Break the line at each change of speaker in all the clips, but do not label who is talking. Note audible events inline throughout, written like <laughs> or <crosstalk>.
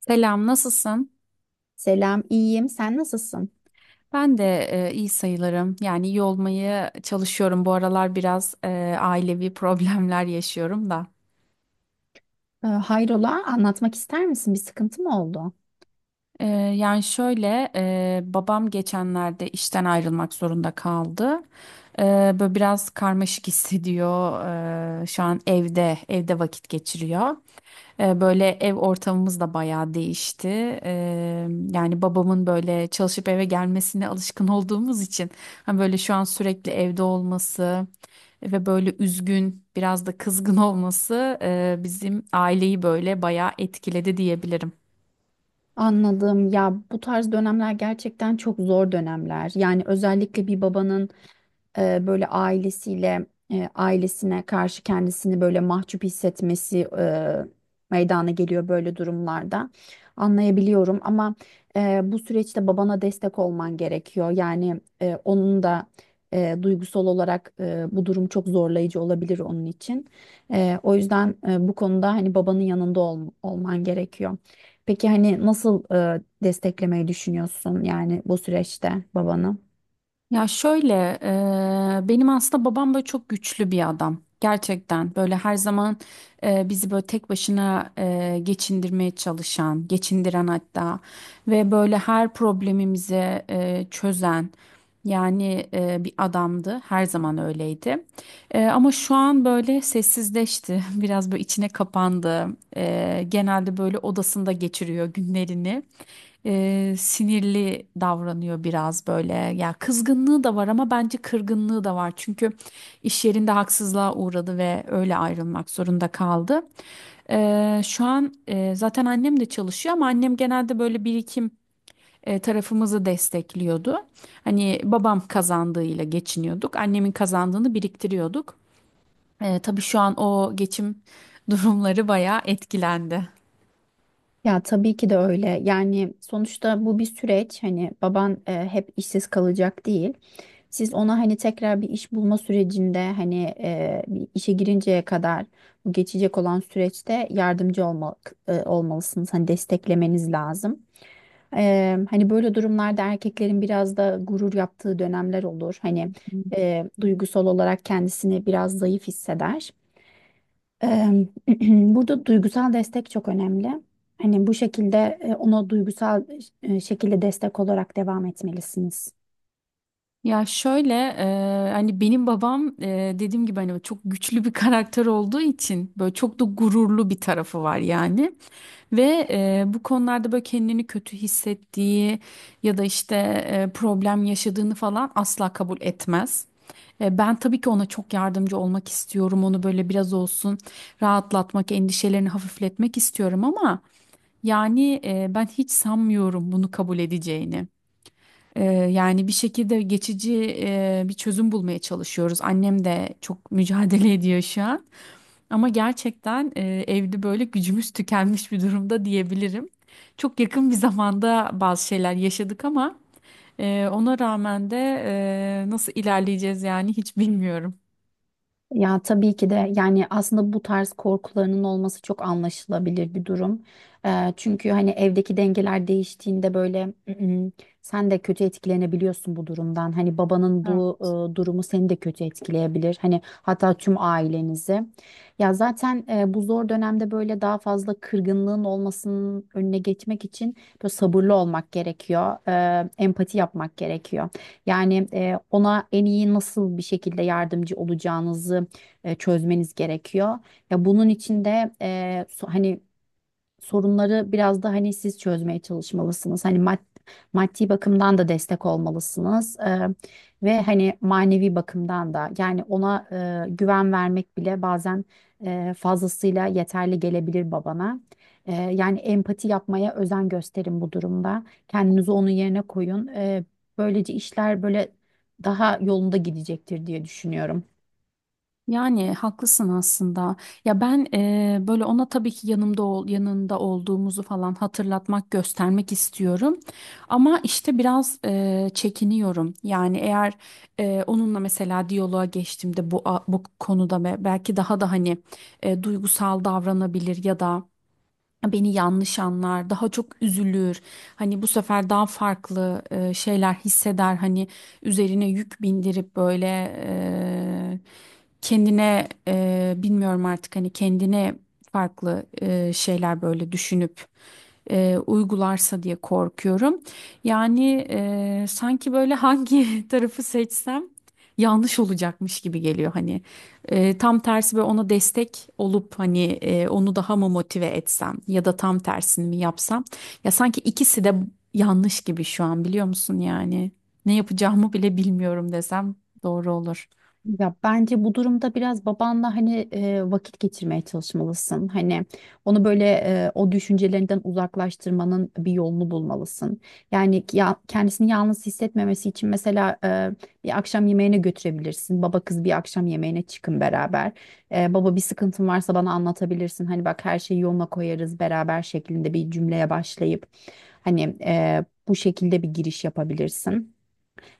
Selam, nasılsın?
Selam, iyiyim. Sen nasılsın?
Ben de iyi sayılırım. Yani iyi olmaya çalışıyorum. Bu aralar biraz ailevi <laughs> problemler yaşıyorum da.
Hayrola, anlatmak ister misin? Bir sıkıntı mı oldu?
E, yani şöyle, babam geçenlerde işten ayrılmak zorunda kaldı. E, Böyle biraz karmaşık <laughs> hissediyor. Şu an evde vakit geçiriyor. Böyle ev ortamımız da bayağı değişti. E, Yani babamın böyle çalışıp eve gelmesine alışkın <laughs> olduğumuz için hani böyle şu an sürekli evde olması ve böyle üzgün, biraz da kızgın <laughs> olması bizim aileyi böyle bayağı etkiledi diyebilirim.
Anladım. Ya bu tarz dönemler gerçekten çok zor dönemler. Yani özellikle bir babanın böyle ailesine karşı kendisini böyle mahcup hissetmesi, meydana geliyor böyle durumlarda. Anlayabiliyorum ama bu süreçte babana destek olman gerekiyor. Yani onun da duygusal olarak, bu durum çok zorlayıcı olabilir onun için. O yüzden bu konuda hani babanın yanında olman gerekiyor. Peki hani nasıl desteklemeyi düşünüyorsun yani bu süreçte babanı?
Ya şöyle, benim aslında babam böyle çok güçlü bir adam. Gerçekten böyle her zaman bizi böyle tek başına geçindirmeye çalışan, geçindiren hatta ve böyle her problemimizi çözen yani bir adamdı. Her zaman öyleydi. Ama şu an böyle sessizleşti, <laughs> biraz böyle içine kapandı. Genelde böyle odasında geçiriyor günlerini, sinirli davranıyor biraz böyle. Ya kızgınlığı da var ama bence kırgınlığı da var. Çünkü iş yerinde haksızlığa uğradı ve öyle ayrılmak zorunda kaldı. Şu an zaten annem de çalışıyor ama annem genelde böyle birikim tarafımızı destekliyordu. Hani babam kazandığıyla geçiniyorduk. Annemin kazandığını biriktiriyorduk. Tabii şu an o geçim <laughs> durumları bayağı etkilendi.
Ya tabii ki de öyle. Yani sonuçta bu bir süreç. Hani baban hep işsiz kalacak değil. Siz ona hani tekrar bir iş bulma sürecinde hani bir işe girinceye kadar bu geçecek olan süreçte yardımcı olmak, olmalısınız. Hani desteklemeniz lazım. Hani böyle durumlarda erkeklerin biraz da gurur yaptığı dönemler olur. Hani duygusal olarak kendisini biraz zayıf hisseder. Eee, <clears throat> Burada duygusal destek çok önemli. Hani bu şekilde ona duygusal şekilde destek olarak devam etmelisiniz.
Ya şöyle hani benim babam dediğim gibi hani çok güçlü bir karakter olduğu için böyle çok da gururlu bir tarafı var yani. Ve bu konularda böyle kendini kötü hissettiği ya da işte problem yaşadığını falan asla kabul etmez. Ben tabii ki ona çok yardımcı olmak istiyorum. Onu böyle biraz olsun rahatlatmak, endişelerini hafifletmek istiyorum ama yani ben hiç sanmıyorum bunu kabul edeceğini. Yani bir şekilde geçici bir çözüm bulmaya çalışıyoruz. Annem de çok mücadele ediyor şu an. Ama gerçekten evde böyle gücümüz tükenmiş bir durumda diyebilirim. Çok yakın bir zamanda bazı şeyler yaşadık ama ona rağmen de nasıl ilerleyeceğiz yani hiç bilmiyorum.
Ya tabii ki de yani aslında bu tarz korkularının olması çok anlaşılabilir bir durum. Çünkü hani evdeki dengeler değiştiğinde böyle sen de kötü etkilenebiliyorsun bu durumdan. Hani babanın bu durumu seni de kötü etkileyebilir. Hani hatta tüm ailenizi. Ya zaten bu zor dönemde böyle daha fazla kırgınlığın olmasının önüne geçmek için böyle sabırlı olmak gerekiyor. Empati yapmak gerekiyor. Yani ona en iyi nasıl bir şekilde yardımcı olacağınızı çözmeniz gerekiyor. Ya bunun için de hani sorunları biraz da hani siz çözmeye çalışmalısınız. Hani maddi bakımdan da destek olmalısınız. Ve hani manevi bakımdan da yani ona güven vermek bile bazen fazlasıyla yeterli gelebilir babana. Yani empati yapmaya özen gösterin bu durumda. Kendinizi onun yerine koyun. Böylece işler böyle daha yolunda gidecektir diye düşünüyorum.
Yani haklısın aslında. Ya ben böyle ona tabii ki yanında olduğumuzu falan hatırlatmak, göstermek istiyorum. Ama işte biraz çekiniyorum. Yani eğer onunla mesela diyaloğa geçtiğimde bu konuda ve belki daha da hani duygusal davranabilir ya da beni yanlış anlar, daha çok üzülür. Hani bu sefer daha farklı şeyler hisseder. Hani üzerine yük bindirip böyle e, kendine bilmiyorum artık hani kendine farklı şeyler böyle düşünüp uygularsa diye korkuyorum. Yani sanki böyle hangi <laughs> tarafı seçsem yanlış olacakmış gibi geliyor hani. Tam tersi böyle ona destek olup hani onu daha mı motive etsem ya da tam tersini mi yapsam, ya sanki ikisi de yanlış gibi şu an biliyor musun, yani ne yapacağımı bile bilmiyorum desem doğru olur.
Ya bence bu durumda biraz babanla hani vakit geçirmeye çalışmalısın. Hani onu böyle o düşüncelerinden uzaklaştırmanın bir yolunu bulmalısın. Yani ya, kendisini yalnız hissetmemesi için mesela, bir akşam yemeğine götürebilirsin. Baba kız bir akşam yemeğine çıkın beraber. Baba bir sıkıntın varsa bana anlatabilirsin. Hani bak her şeyi yoluna koyarız beraber şeklinde bir cümleye başlayıp hani bu şekilde bir giriş yapabilirsin.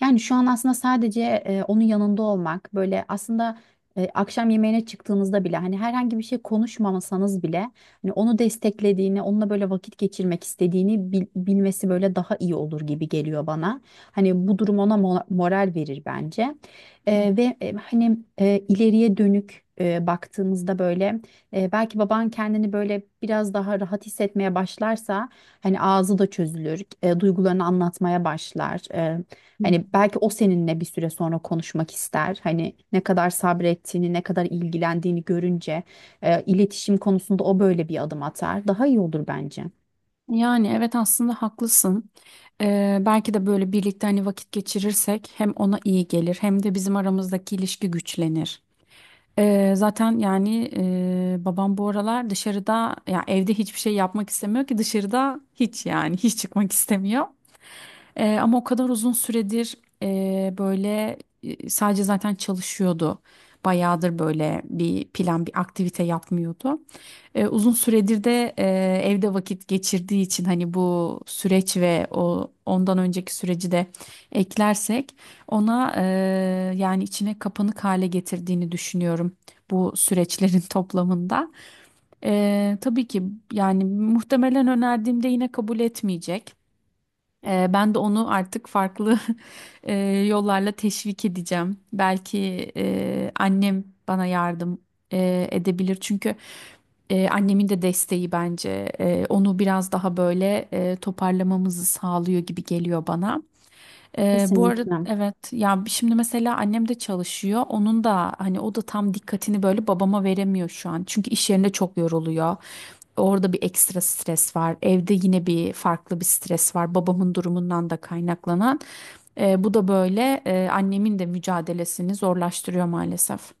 Yani şu an aslında sadece onun yanında olmak böyle aslında, akşam yemeğine çıktığınızda bile hani herhangi bir şey konuşmamasanız bile hani onu desteklediğini, onunla böyle vakit geçirmek istediğini bilmesi böyle daha iyi olur gibi geliyor bana. Hani bu durum ona moral verir bence. E, ve e, hani e, ileriye dönük e, baktığımızda böyle, belki baban kendini böyle biraz daha rahat hissetmeye başlarsa hani ağzı da çözülür, duygularını anlatmaya başlar. Hani belki o seninle bir süre sonra konuşmak ister. Hani ne kadar sabrettiğini, ne kadar ilgilendiğini görünce iletişim konusunda o böyle bir adım atar. Daha iyi olur bence.
Yani evet aslında haklısın. Belki de böyle birlikte hani vakit geçirirsek hem ona iyi gelir hem de bizim aramızdaki ilişki güçlenir. Zaten babam bu aralar dışarıda ya evde hiçbir şey yapmak istemiyor ki dışarıda hiç yani hiç çıkmak istemiyor. Ama o kadar uzun süredir böyle sadece zaten çalışıyordu. Bayağıdır böyle bir plan, bir aktivite yapmıyordu. Uzun süredir de evde vakit geçirdiği için hani bu süreç ve o ondan önceki süreci de eklersek ona yani içine kapanık hale getirdiğini düşünüyorum bu süreçlerin <laughs> toplamında. Tabii ki yani muhtemelen önerdiğimde yine kabul etmeyecek. Ben de onu artık farklı <laughs> eee, yollarla teşvik edeceğim. Belki annem bana yardım edebilir. Çünkü annemin de desteği bence onu biraz daha böyle toparlamamızı sağlıyor gibi geliyor bana. Bu arada
Kesinlikle.
evet, ya şimdi mesela annem de çalışıyor. Onun da hani o da tam dikkatini böyle babama veremiyor şu an. Çünkü iş yerinde çok yoruluyor. Orada bir ekstra stres var. Evde yine bir farklı bir stres var. Babamın durumundan da kaynaklanan. Bu da böyle annemin de mücadelesini zorlaştırıyor maalesef.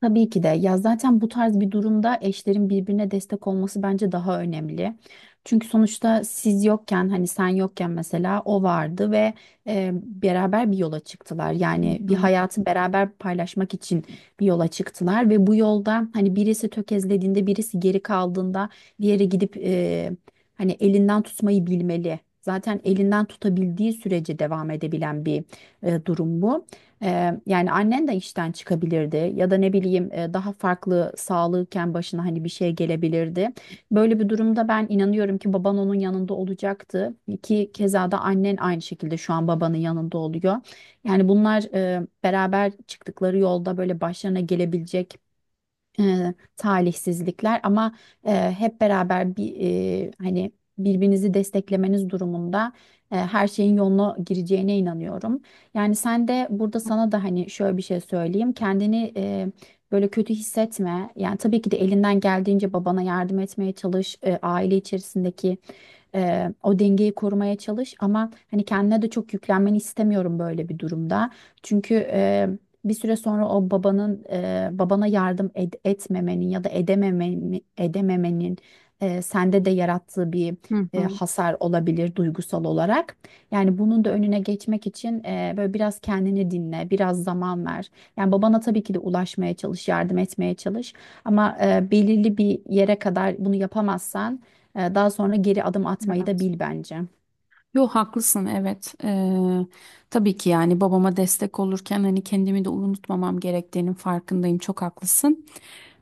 Tabii ki de. Ya zaten bu tarz bir durumda eşlerin birbirine destek olması bence daha önemli. Çünkü sonuçta siz yokken hani sen yokken mesela o vardı ve beraber bir yola çıktılar.
Hı
Yani bir
hı.
hayatı beraber paylaşmak için bir yola çıktılar ve bu yolda hani birisi tökezlediğinde birisi geri kaldığında diğeri gidip hani elinden tutmayı bilmeli. Zaten elinden tutabildiği sürece devam edebilen bir durum bu. Yani annen de işten çıkabilirdi ya da ne bileyim daha farklı sağlığıken başına hani bir şey gelebilirdi. Böyle bir durumda ben inanıyorum ki baban onun yanında olacaktı ki keza da annen aynı şekilde şu an babanın yanında oluyor. Yani bunlar beraber çıktıkları yolda böyle başlarına gelebilecek talihsizlikler ama hep beraber bir, birbirinizi desteklemeniz durumunda her şeyin yoluna gireceğine inanıyorum. Yani sen de burada sana da hani şöyle bir şey söyleyeyim. Kendini böyle kötü hissetme. Yani tabii ki de elinden geldiğince babana yardım etmeye çalış. Aile içerisindeki o dengeyi korumaya çalış ama hani kendine de çok yüklenmeni istemiyorum böyle bir durumda. Çünkü bir süre sonra o babana yardım etmemenin ya da edememenin sende de yarattığı bir
Hı
e,
hı.
hasar olabilir duygusal olarak. Yani bunun da önüne geçmek için böyle biraz kendini dinle, biraz zaman ver. Yani babana tabii ki de ulaşmaya çalış, yardım etmeye çalış. Ama belirli bir yere kadar bunu yapamazsan daha sonra geri adım atmayı da
Evet.
bil bence.
Yo, haklısın evet. Tabii ki yani babama destek olurken hani kendimi de unutmamam gerektiğinin farkındayım. Çok haklısın.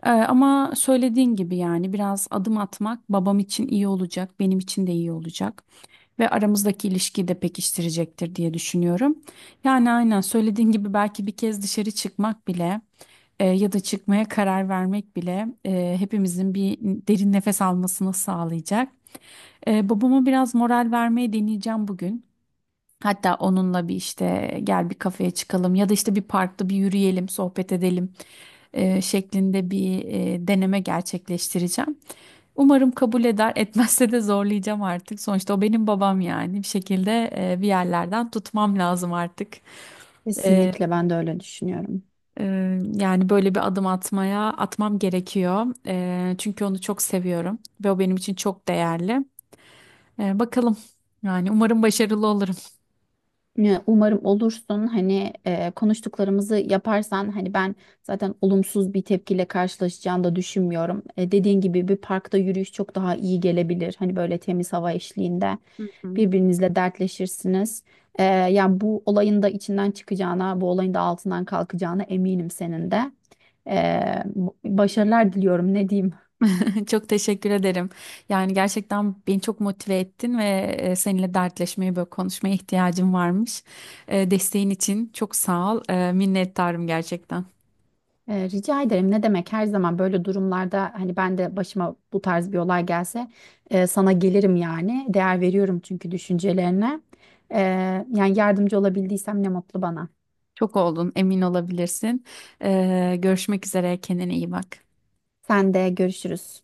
Ama söylediğin gibi yani biraz adım atmak babam için iyi olacak, benim için de iyi olacak ve aramızdaki ilişkiyi de pekiştirecektir diye düşünüyorum. Yani aynen söylediğin gibi belki bir kez dışarı çıkmak bile ya da çıkmaya karar vermek bile hepimizin bir derin nefes almasını sağlayacak. Babama biraz moral vermeye deneyeceğim bugün. Hatta onunla bir işte gel bir kafeye çıkalım ya da işte bir parkta bir yürüyelim, sohbet edelim şeklinde bir deneme gerçekleştireceğim. Umarım kabul eder, <laughs> etmezse de zorlayacağım artık. Sonuçta o benim babam, yani bir şekilde bir yerlerden tutmam lazım artık. E,
Kesinlikle ben de öyle düşünüyorum.
e, Yani böyle bir adım atmam gerekiyor. Çünkü onu çok seviyorum ve o benim için çok değerli. Bakalım, yani umarım başarılı olurum.
Ya, umarım olursun hani konuştuklarımızı yaparsan hani ben zaten olumsuz bir tepkiyle karşılaşacağını da düşünmüyorum. E, dediğin gibi bir parkta yürüyüş çok daha iyi gelebilir. Hani böyle temiz hava eşliğinde
Hı hı.
birbirinizle dertleşirsiniz. Yani bu olayın da içinden çıkacağına, bu olayın da altından kalkacağına eminim senin de. E, Başarılar diliyorum ne diyeyim.
<laughs> Çok teşekkür ederim. Yani gerçekten beni çok motive ettin ve seninle dertleşmeye, böyle konuşmaya ihtiyacım varmış. Desteğin için çok sağ ol. Minnettarım gerçekten.
Rica ederim. Ne demek, her zaman böyle durumlarda hani ben de başıma bu tarz bir olay gelse sana gelirim yani. Değer veriyorum çünkü düşüncelerine. Ee, Yani yardımcı olabildiysem ne mutlu bana.
Çok oldun, emin olabilirsin. Görüşmek üzere, kendine iyi bak.
Sen de görüşürüz.